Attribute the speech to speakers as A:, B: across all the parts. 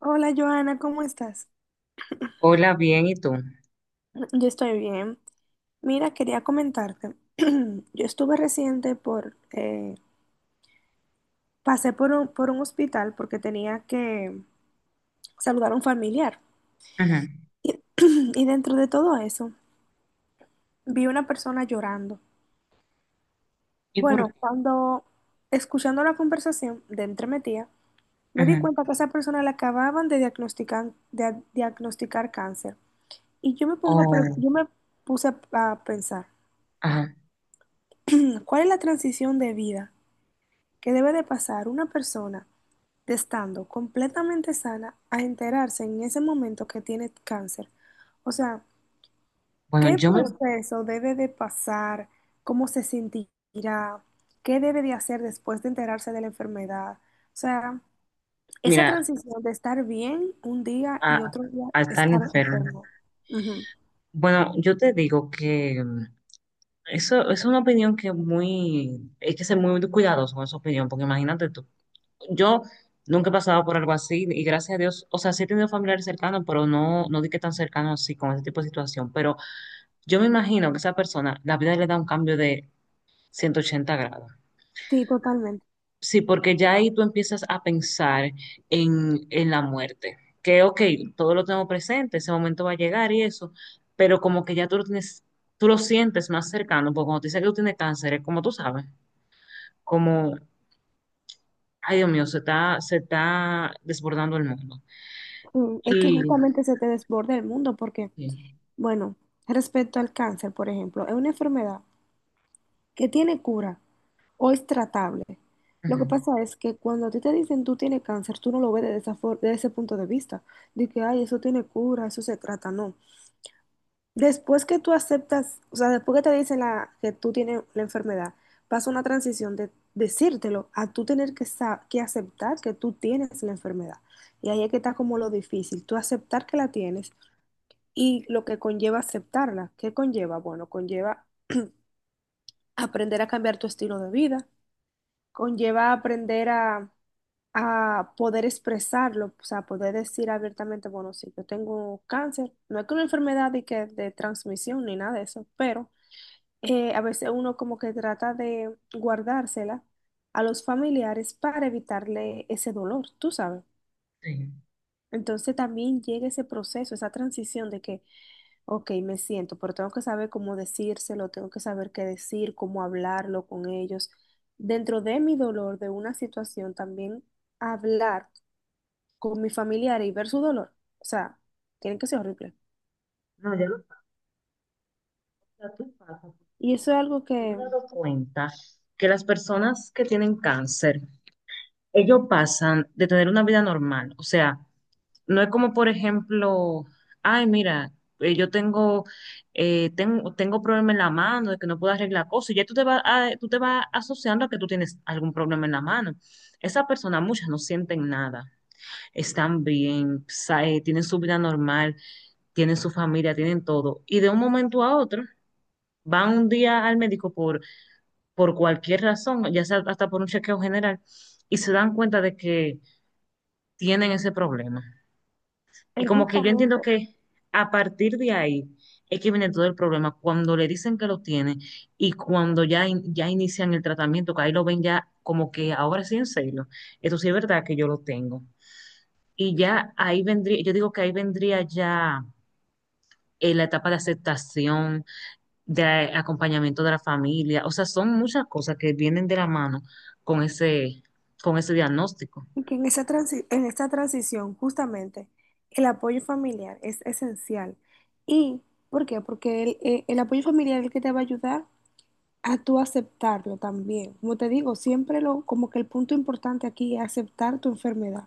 A: Hola Joana, ¿cómo estás?
B: Hola, bien, ¿y tú?
A: Yo estoy bien. Mira, quería comentarte. Yo estuve reciente por, pasé por un hospital porque tenía que saludar a un familiar.
B: Ajá.
A: Y, y dentro de todo eso, vi una persona llorando.
B: ¿Y por
A: Bueno,
B: qué?
A: cuando escuchando la conversación de entre mi tía, me di
B: Ajá.
A: cuenta que a esa persona le acababan de diagnosticar cáncer. Y yo me pongo,
B: Oh,
A: yo me puse a pensar,
B: ajá.
A: ¿Cuál es la transición de vida que debe de pasar una persona de estando completamente sana a enterarse en ese momento que tiene cáncer? O sea,
B: Bueno,
A: ¿qué
B: yo me,
A: proceso debe de pasar? ¿Cómo se sentirá? ¿Qué debe de hacer después de enterarse de la enfermedad? O sea, esa
B: mira,
A: transición de estar bien un día
B: a,
A: y otro día
B: a estar
A: estar
B: enfermo.
A: enfermo". Ujú.
B: Bueno, yo te digo que eso, es una opinión que muy, hay que ser muy cuidadoso con esa opinión, porque imagínate tú, yo nunca he pasado por algo así y gracias a Dios, o sea, sí he tenido familiares cercanos, pero no, no di que tan cercanos así con ese tipo de situación, pero yo me imagino que esa persona, la vida le da un cambio de 180 grados.
A: Sí, totalmente.
B: Sí, porque ya ahí tú empiezas a pensar en la muerte. Que, ok, todo lo tengo presente, ese momento va a llegar y eso, pero como que ya tú lo tienes, tú lo sientes más cercano, porque cuando te dice que tú tienes cáncer, es como tú sabes, como, ay Dios mío, se está desbordando el mundo.
A: Es que
B: Y,
A: justamente se te desborda el mundo porque,
B: sí,
A: bueno, respecto al cáncer, por ejemplo, es una enfermedad que tiene cura, o es tratable. Lo
B: ujú,
A: que pasa es que cuando a ti te dicen tú tienes cáncer, tú no lo ves de de ese punto de vista, de que, ay, eso tiene cura, eso se trata, no. Después que tú aceptas, o sea, después que te dicen que tú tienes la enfermedad, pasa una transición de decírtelo a tú tener que, que aceptar que tú tienes la enfermedad. Y ahí es que está como lo difícil, tú aceptar que la tienes y lo que conlleva aceptarla. ¿Qué conlleva? Bueno, conlleva aprender a cambiar tu estilo de vida, conlleva aprender a poder expresarlo, o sea, poder decir abiertamente, bueno, sí, yo tengo cáncer, no es que una enfermedad de, que, de transmisión ni nada de eso, pero a veces uno como que trata de guardársela a los familiares para evitarle ese dolor, tú sabes.
B: sí.
A: Entonces también llega ese proceso, esa transición de que, ok, me siento, pero tengo que saber cómo decírselo, tengo que saber qué decir, cómo hablarlo con ellos. Dentro de mi dolor, de una situación, también hablar con mis familiares y ver su dolor, o sea, tiene que ser horrible.
B: No, ya lo pasa, tú pasa,
A: Y
B: porque
A: eso es algo
B: yo me he
A: que
B: dado cuenta que las personas que tienen cáncer, ellos pasan de tener una vida normal, o sea, no es como, por ejemplo, ay, mira, yo tengo, tengo problema en la mano, de que no puedo arreglar cosas, y ya tú te vas, tú te vas asociando a que tú tienes algún problema en la mano. Esa persona, muchas no sienten nada, están bien, tienen su vida normal, tienen su familia, tienen todo, y de un momento a otro van un día al médico por cualquier razón, ya sea hasta por un chequeo general, y se dan cuenta de que tienen ese problema. Y
A: es
B: como que yo
A: justamente,
B: entiendo que a partir de ahí es que viene todo el problema. Cuando le dicen que lo tiene y cuando ya, ya inician el tratamiento, que ahí lo ven ya como que ahora sí en serio. Eso sí es verdad que yo lo tengo. Y ya ahí vendría, yo digo que ahí vendría ya la etapa de aceptación, de acompañamiento de la familia. O sea, son muchas cosas que vienen de la mano con ese, con ese diagnóstico
A: que en esa en esta transición, justamente, el apoyo familiar es esencial. ¿Y por qué? Porque el apoyo familiar es el que te va a ayudar a tú aceptarlo también. Como te digo, siempre lo, como que el punto importante aquí es aceptar tu enfermedad.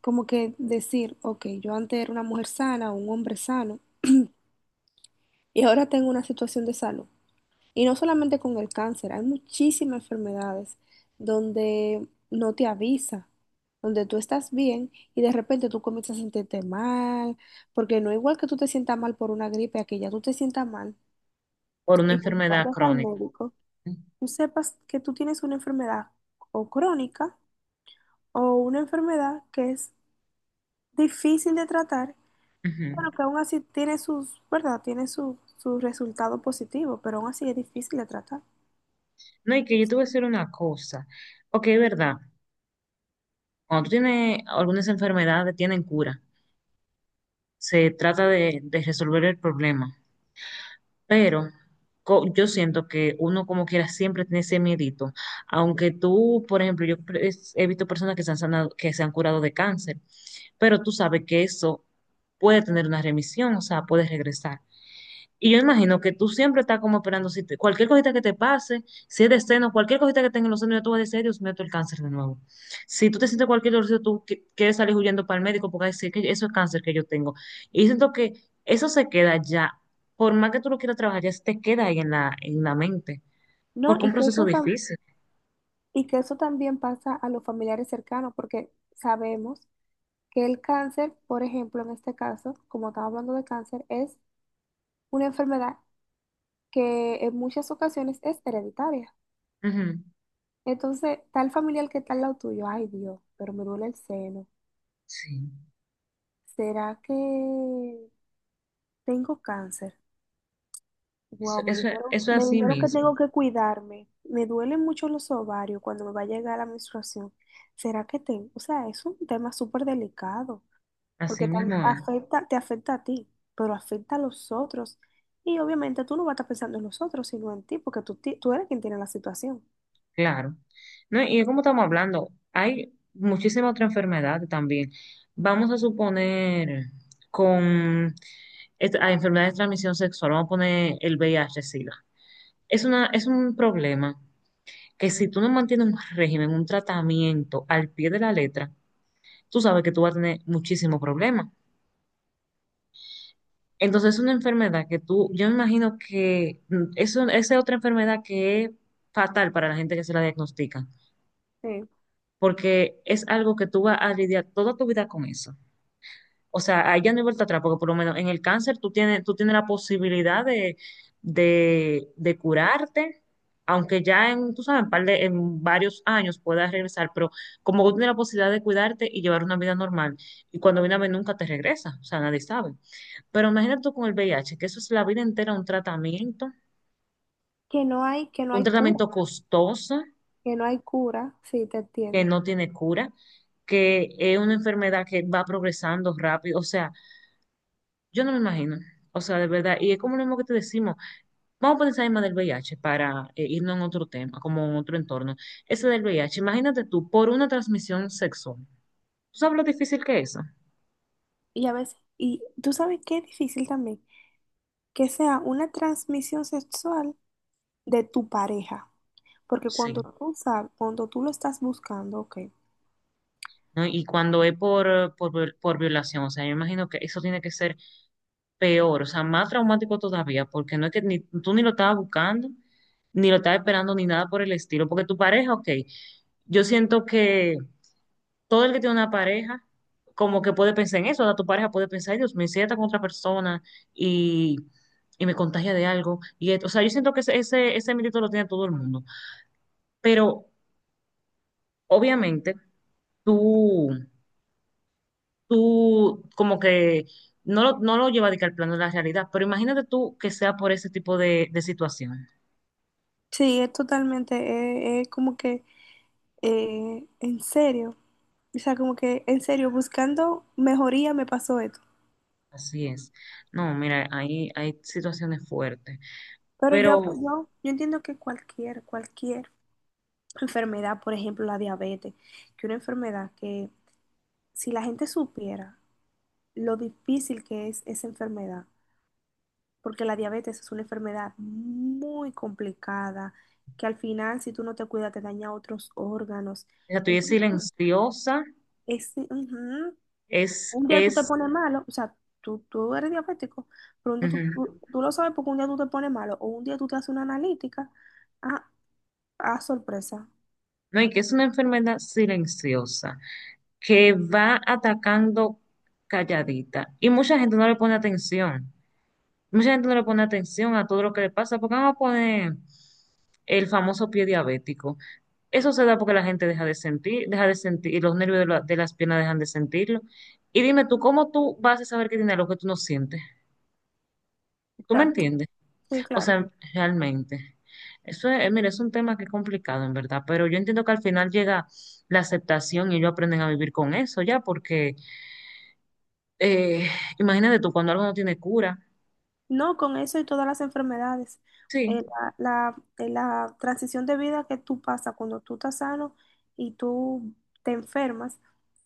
A: Como que decir, ok, yo antes era una mujer sana, un hombre sano, y ahora tengo una situación de salud. Y no solamente con el cáncer, hay muchísimas enfermedades donde no te avisa, donde tú estás bien y de repente tú comienzas a sentirte mal, porque no es igual que tú te sientas mal por una gripe, a que ya tú te sientas mal
B: por una
A: y cuando
B: enfermedad
A: vayas al
B: crónica.
A: médico, tú sepas que tú tienes una enfermedad o crónica o una enfermedad que es difícil de tratar,
B: Ujú.
A: pero que aún así tiene sus, ¿verdad? Tiene su, su resultado positivo, pero aún así es difícil de tratar.
B: No, y que yo te voy a decir una cosa. Ok, es verdad. Cuando tú tienes algunas enfermedades, tienen cura. Se trata de resolver el problema. Pero yo siento que uno como quiera siempre tiene ese miedito. Aunque tú, por ejemplo, he visto personas que se han sanado, que se han curado de cáncer, pero tú sabes que eso puede tener una remisión, o sea, puede regresar. Y yo imagino que tú siempre estás como esperando si te- cualquier cosita que te pase, si es de seno, cualquier cosita que tenga en los senos, ya tú vas a decir: "Ay, Dios mío, esto es el cáncer de nuevo. Si tú te sientes cualquier dolor, tú quieres salir huyendo para el médico porque vas a decir que eso es cáncer que yo tengo". Y siento que eso se queda ya, por más que tú lo quieras trabajar, ya se te queda ahí en la mente,
A: No,
B: porque es un
A: y
B: proceso difícil.
A: y que eso también pasa a los familiares cercanos, porque sabemos que el cáncer, por ejemplo, en este caso, como estamos hablando de cáncer, es una enfermedad que en muchas ocasiones es hereditaria.
B: Ujú.
A: Entonces, tal familiar que está al lado tuyo, ay Dios, pero me duele el seno.
B: Sí,
A: ¿Será que tengo cáncer?
B: eso,
A: Wow,
B: eso, eso es
A: me dijeron que tengo que cuidarme. Me duelen mucho los ovarios cuando me va a llegar la menstruación. ¿Será que tengo? O sea, es un tema súper delicado.
B: así
A: Porque
B: mismo es.
A: afecta, te afecta a ti, pero afecta a los otros. Y obviamente tú no vas a estar pensando en los otros, sino en ti, porque tú eres quien tiene la situación.
B: Claro. No, y como estamos hablando, hay muchísimas otras enfermedades también. Vamos a suponer con a enfermedades de transmisión sexual, vamos a poner el V VIH-Sida. Es una, es un problema que si tú no mantienes un régimen, un tratamiento al pie de la letra, tú sabes que tú vas a tener muchísimos problemas. Entonces es una enfermedad que tú, yo me imagino que eso, esa es otra enfermedad que es fatal para la gente que se la diagnostica
A: Sí.
B: porque es algo que tú vas a lidiar toda tu vida con eso. O sea, ahí ya no hay vuelta atrás, porque por lo menos en el cáncer tú tienes la posibilidad de, de curarte, aunque ya en, tú sabes, en, en varios años puedas regresar, pero como tú tienes la posibilidad de cuidarte y llevar una vida normal, y cuando viene a ver nunca te regresa, o sea, nadie sabe. Pero imagínate tú con el VIH, que eso es la vida entera
A: Que no
B: un
A: hay cura,
B: tratamiento costoso,
A: que no hay cura, sí, te
B: que
A: entiendo.
B: no tiene cura, que es una enfermedad que va progresando rápido. O sea, yo no me imagino. O sea, de verdad, y es como lo mismo que te decimos, vamos a poner en más del VIH para irnos en otro tema, como en otro entorno. Ese del VIH, imagínate tú, por una transmisión sexual. ¿Tú sabes lo difícil que es eso?
A: Y a veces, y tú sabes qué es difícil también, que sea una transmisión sexual de tu pareja, porque cuando
B: Sí.
A: tú sabes, cuando tú lo estás buscando, ok.
B: ¿No? Y cuando es por, por violación, o sea, yo imagino que eso tiene que ser peor, o sea, más traumático todavía, porque no es que ni, tú ni lo estabas buscando, ni lo estabas esperando, ni nada por el estilo, porque tu pareja, ok, yo siento que todo el que tiene una pareja, como que puede pensar en eso, o sea, tu pareja puede pensar: "Ay, Dios, me sienta con otra persona y, y me contagia de algo, y esto", o sea, yo siento que ese miedito lo tiene todo el mundo, pero obviamente tú, tú como que no lo, no lo lleva de que al plano de la realidad, pero imagínate tú que sea por ese tipo de situaciones.
A: Sí, es totalmente, es como que, en serio. O sea, como que en serio, buscando mejoría me pasó esto.
B: Así es. No, mira, hay situaciones fuertes,
A: Pero
B: pero o
A: yo entiendo que cualquier enfermedad, por ejemplo la diabetes, que una enfermedad que si la gente supiera lo difícil que es esa enfermedad, porque la diabetes es una enfermedad muy complicada, que al final si tú no te cuidas te daña otros órganos.
B: sea, tú y es
A: Entonces,
B: silenciosa,
A: es, ujú, un día tú te
B: es,
A: pones malo, o sea, tú eres diabético, pero un día
B: ujú.
A: tú lo sabes porque un día tú te pones malo o un día tú te haces una analítica. Ah, ah, sorpresa.
B: No, y que es una enfermedad silenciosa, que va atacando calladita. Y mucha gente no le pone atención. Mucha gente no le pone atención a todo lo que le pasa, porque vamos a poner el famoso pie diabético. Eso se da porque la gente deja de sentir, y los nervios de, de las piernas dejan de sentirlo. Y dime tú, ¿cómo tú vas a saber que tiene algo que tú no sientes? ¿Tú me
A: Exacto.
B: entiendes?
A: Sí,
B: O
A: claro.
B: sea, realmente, eso es, mira, es un tema que es complicado en verdad, pero yo entiendo que al final llega la aceptación y ellos aprenden a vivir con eso ya, porque eh, imagínate tú, cuando algo no tiene cura,
A: No, con eso y todas las enfermedades. Eh,
B: sí,
A: la transición de vida que tú pasas cuando tú estás sano y tú te enfermas,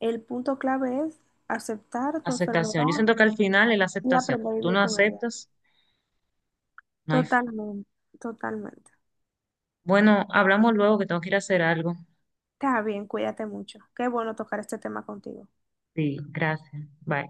A: el punto clave es aceptar tu enfermedad
B: aceptación. Yo siento que al final es la
A: y
B: aceptación.
A: aprender a
B: Si tú
A: vivir
B: no
A: con ella.
B: aceptas, no hay forma.
A: Totalmente, totalmente.
B: Bueno, hablamos luego que tengo que ir a hacer algo.
A: Está bien, cuídate mucho. Qué bueno tocar este tema contigo.
B: Sí, gracias. Bye.